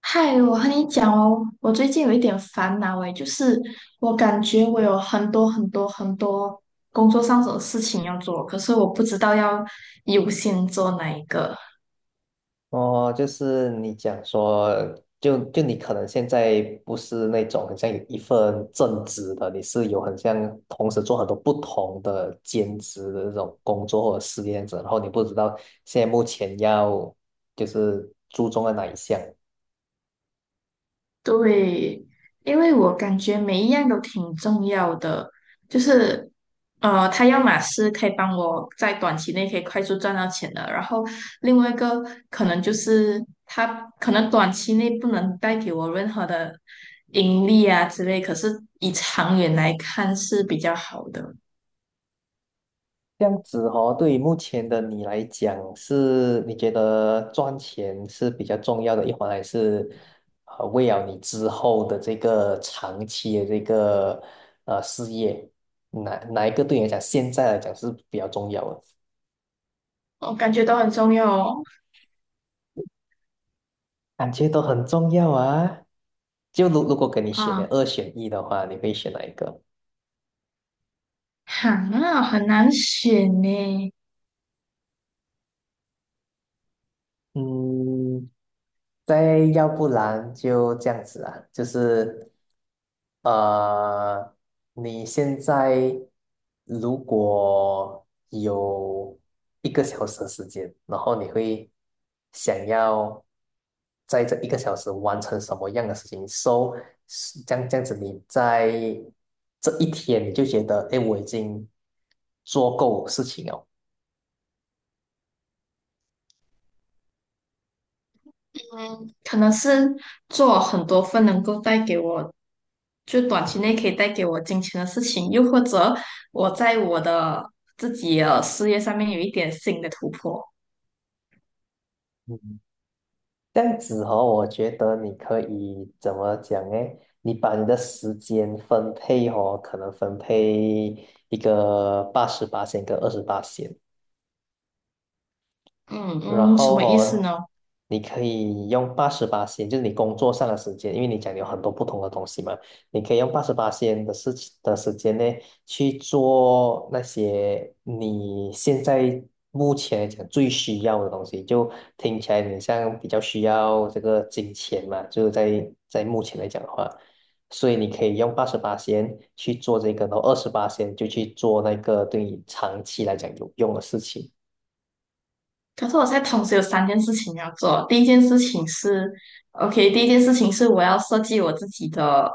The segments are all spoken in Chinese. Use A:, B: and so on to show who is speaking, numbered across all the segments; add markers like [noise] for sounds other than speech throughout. A: 嗨，我和你讲哦，我最近有一点烦恼诶，就是我感觉我有很多工作上的事情要做，可是我不知道要优先做哪一个。
B: 哦，就是你讲说，就你可能现在不是那种很像有一份正职的，你是有很像同时做很多不同的兼职的这种工作或者事业这样子，然后你不知道现在目前要就是注重在哪一项。
A: 对，因为我感觉每一样都挺重要的，就是他要么是可以帮我在短期内可以快速赚到钱的，然后另外一个可能就是他可能短期内不能带给我任何的盈利啊之类，可是以长远来看是比较好的，
B: 这样子哦，对于目前的你来讲，是你觉得赚钱是比较重要的一环，还是为了你之后的这个长期的这个事业，哪一个对你来讲，现在来讲是比较重要的？
A: 我感觉都很重要哦。
B: 感觉都很重要啊。就如果给你选的
A: 啊，
B: 二选一的话，你会选哪一个？
A: 好啊，很难选呢。
B: 嗯，再要不然就这样子啊，就是呃，你现在如果有一个小时的时间，然后你会想要在这一个小时完成什么样的事情？So，是这样子，你在这一天你就觉得，哎，我已经做够事情了。
A: 可能是做很多份能够带给我，就短期内可以带给我金钱的事情，又或者我在我的自己的事业上面有一点新的突破。
B: 嗯这样子哦，我觉得你可以怎么讲呢？你把你的时间分配哦，可能分配一个八十八线跟二十八线。
A: 嗯
B: 然
A: 嗯，什
B: 后
A: 么意思
B: 哦，
A: 呢？
B: 你可以用八十八仙，就是你工作上的时间，因为你讲你有很多不同的东西嘛，你可以用八十八仙的事情的时间呢，去做那些你现在目前来讲最需要的东西。就听起来你像比较需要这个金钱嘛，就是在目前来讲的话，所以你可以用八十八仙去做这个，然后二十八仙就去做那个对你长期来讲有用的事情。
A: 可是我现在同时有三件事情要做。第一件事情是，OK，第一件事情是我要设计我自己的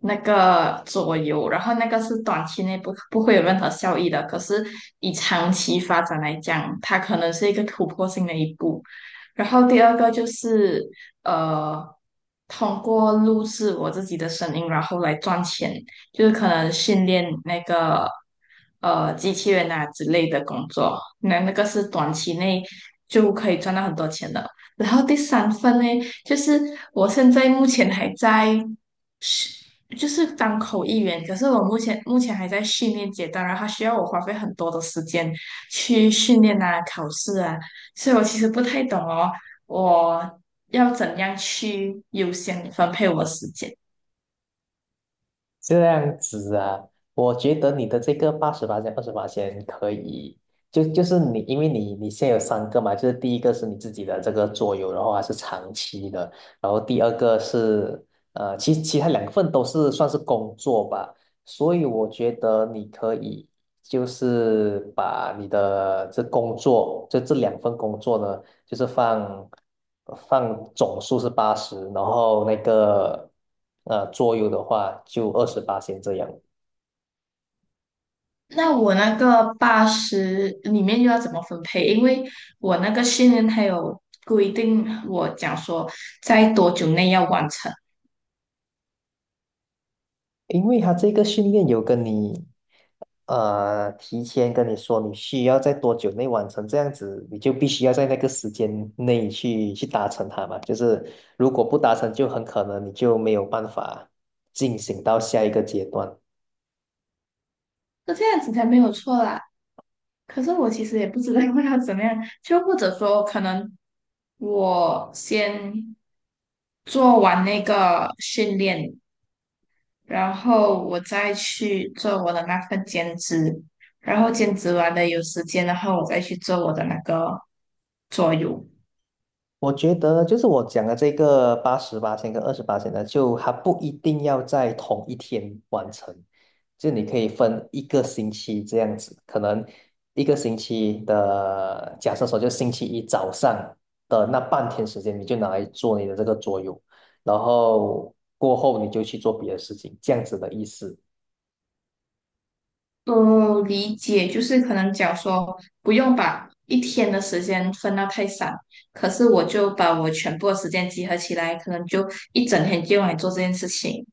A: 那个左右，然后那个是短期内不会有任何效益的，可是以长期发展来讲，它可能是一个突破性的一步。然后第二个就是呃，通过录制我自己的声音，然后来赚钱。就是可能训练那个机器人啊之类的工作，那个是短期内就可以赚到很多钱的。然后第三份呢，就是我现在目前还在就是当口译员，可是我目前还在训练阶段，然后它需要我花费很多的时间去训练啊、考试啊，所以我其实不太懂哦，我要怎样去优先分配我的时间。
B: 这样子啊，我觉得你的这个八十八千、二十八千可以，就是你，因为你现在有三个嘛，就是第一个是你自己的这个桌游，然后还是长期的，然后第二个是其他两份都是算是工作吧，所以我觉得你可以就是把你的这工作，就这两份工作呢。就是放总数是八十，然后那个桌游的话就二十八先这样。
A: 那我那个八十里面又要怎么分配？因为我那个训练还有规定，我讲说在多久内要完成，
B: 因为他这个训练有跟你提前跟你说你需要在多久内完成，这样子你就必须要在那个时间内去达成它嘛。就是如果不达成，就很可能你就没有办法进行到下一个阶段。
A: 那这样子才没有错啦。可是我其实也不知道 [laughs] 要怎么样，就或者说可能我先做完那个训练，然后我再去做我的那份兼职，然后兼职完了有时间，的话，我再去做我的那个桌游。
B: 我觉得就是我讲的这个八十八千跟二十八千呢，就它不一定要在同一天完成，就你可以分一个星期这样子，可能一个星期的，假设说就星期一早上的那半天时间，你就拿来做你的这个桌游，然后过后你就去做别的事情，这样子的意思。
A: 哦，理解，就是可能讲说不用把一天的时间分到太散，可是我就把我全部的时间集合起来，可能就一整天就用来做这件事情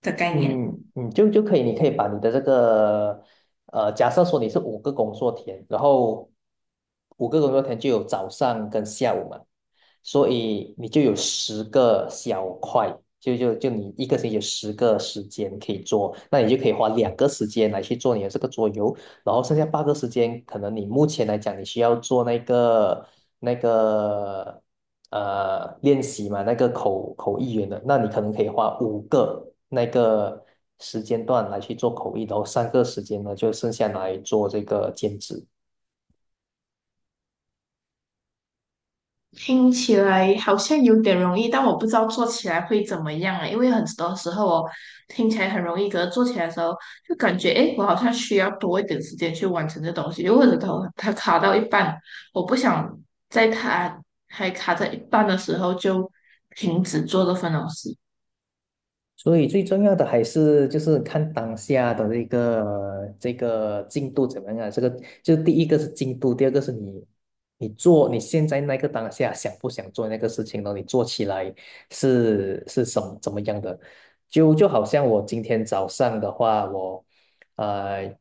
A: 的概念。
B: 嗯嗯，就可以，你可以把你的这个，假设说你是五个工作天，然后五个工作天就有早上跟下午嘛，所以你就有10个小块，就你一个星期有10个时间可以做，那你就可以花2个时间来去做你的这个桌游，然后剩下8个时间，可能你目前来讲，你需要做那个那个练习嘛，那个口译员的，那你可能可以花5个那个时间段来去做口译，然后3个时间呢就剩下来做这个兼职。
A: 听起来好像有点容易，但我不知道做起来会怎么样啊，因为很多时候哦，听起来很容易，可是做起来的时候就感觉，诶，我好像需要多一点时间去完成这东西，又或者它卡到一半，我不想在它还卡在一半的时候就停止做这份东西。
B: 所以最重要的还是就是看当下的这个进度怎么样啊？这个就第一个是进度，第二个是你做你现在那个当下想不想做那个事情呢？你做起来是什么怎么样的？就好像我今天早上的话，我呃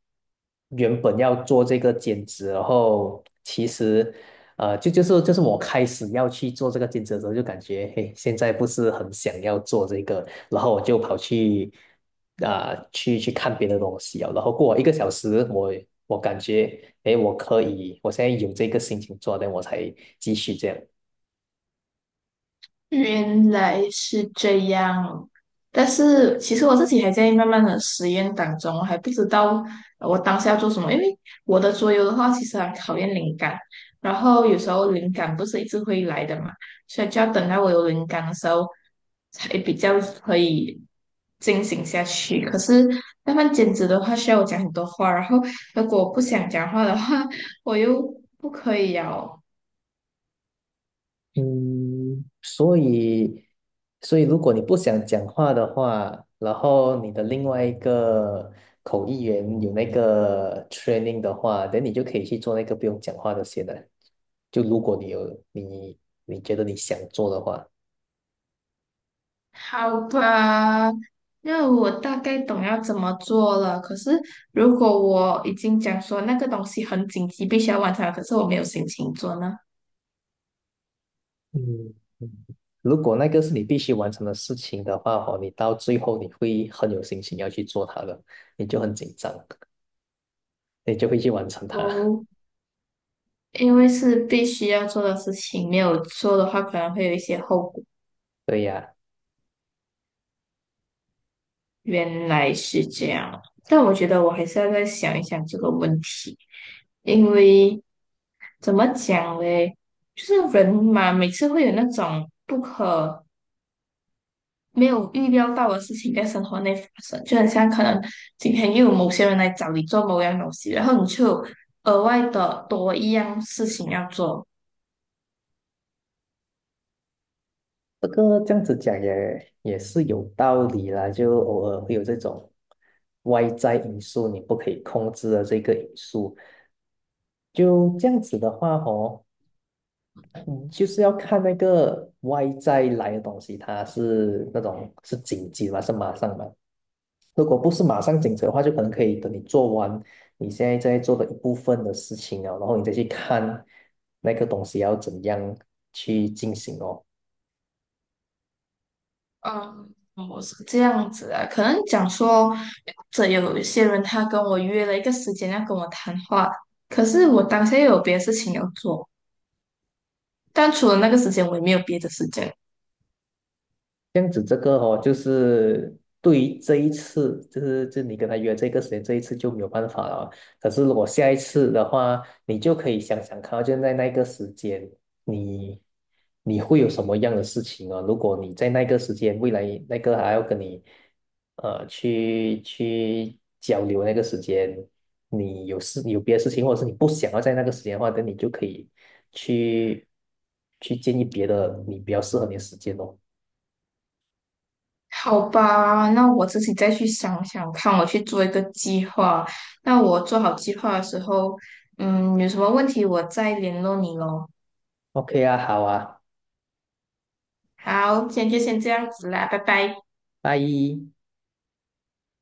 B: 原本要做这个兼职，然后其实就是我开始要去做这个兼职的时候，就感觉嘿现在不是很想要做这个，然后我就跑去啊、去看别的东西啊，然后过了一个小时，我感觉诶我可以，我现在有这个心情做，那我才继续这样。
A: 原来是这样，但是其实我自己还在慢慢的实验当中，我还不知道我当下要做什么。因为我的桌游的话，其实很考验灵感，然后有时候灵感不是一直会来的嘛，所以就要等到我有灵感的时候，才比较可以进行下去。可是慢慢兼职的话，需要我讲很多话，然后如果我不想讲话的话，我又不可以哦。[laughs]
B: 嗯，所以，所以如果你不想讲话的话，然后你的另外一个口译员有那个 training 的话，等你就可以去做那个不用讲话的先了。就如果你有你觉得你想做的话，
A: 好吧，那我大概懂要怎么做了。可是如果我已经讲说那个东西很紧急，必须要完成了可是我没有心情做呢？
B: 嗯，如果那个是你必须完成的事情的话，哦，你到最后你会很有信心要去做它的，你就很紧张，你就会去完成它。
A: 哦，因为是必须要做的事情，没有做的话可能会有一些后果。
B: [laughs] 对呀。
A: 原来是这样，但我觉得我还是要再想一想这个问题，因为怎么讲嘞？就是人嘛，每次会有那种不可。没有预料到的事情在生活内发生，就很像可能今天又有某些人来找你做某样东西，然后你就有额外的多一样事情要做。
B: 这个这样子讲也是有道理啦，就偶尔会有这种外在因素你不可以控制的这个因素。就这样子的话哦，嗯，就是要看那个外在来的东西，它是那种是紧急吗？是马上吗？如果不是马上紧急的话，就可能可以等你做完你现在在做的一部分的事情啊，然后你再去看那个东西要怎样去进行哦。
A: 嗯，我是这样子啊，可能讲说，这有一些人他跟我约了一个时间要跟我谈话，可是我当下又有别的事情要做，但除了那个时间，我也没有别的时间。
B: 这样子，这个哦，就是对于这一次，就是就你跟他约这个时间，这一次就没有办法了。可是如果下一次的话，你就可以想想看哦，就在那个时间，你你会有什么样的事情啊？如果你在那个时间，未来那个还要跟你去交流那个时间，你有事你有别的事情，或者是你不想要在那个时间的话，那你就可以去建议别的你比较适合你的时间哦。
A: 好吧，那我自己再去想想看，我去做一个计划。那我做好计划的时候，嗯，有什么问题我再联络你喽。
B: OK 啊，好啊，
A: 好，今天就先这样子啦，拜拜。
B: 拜。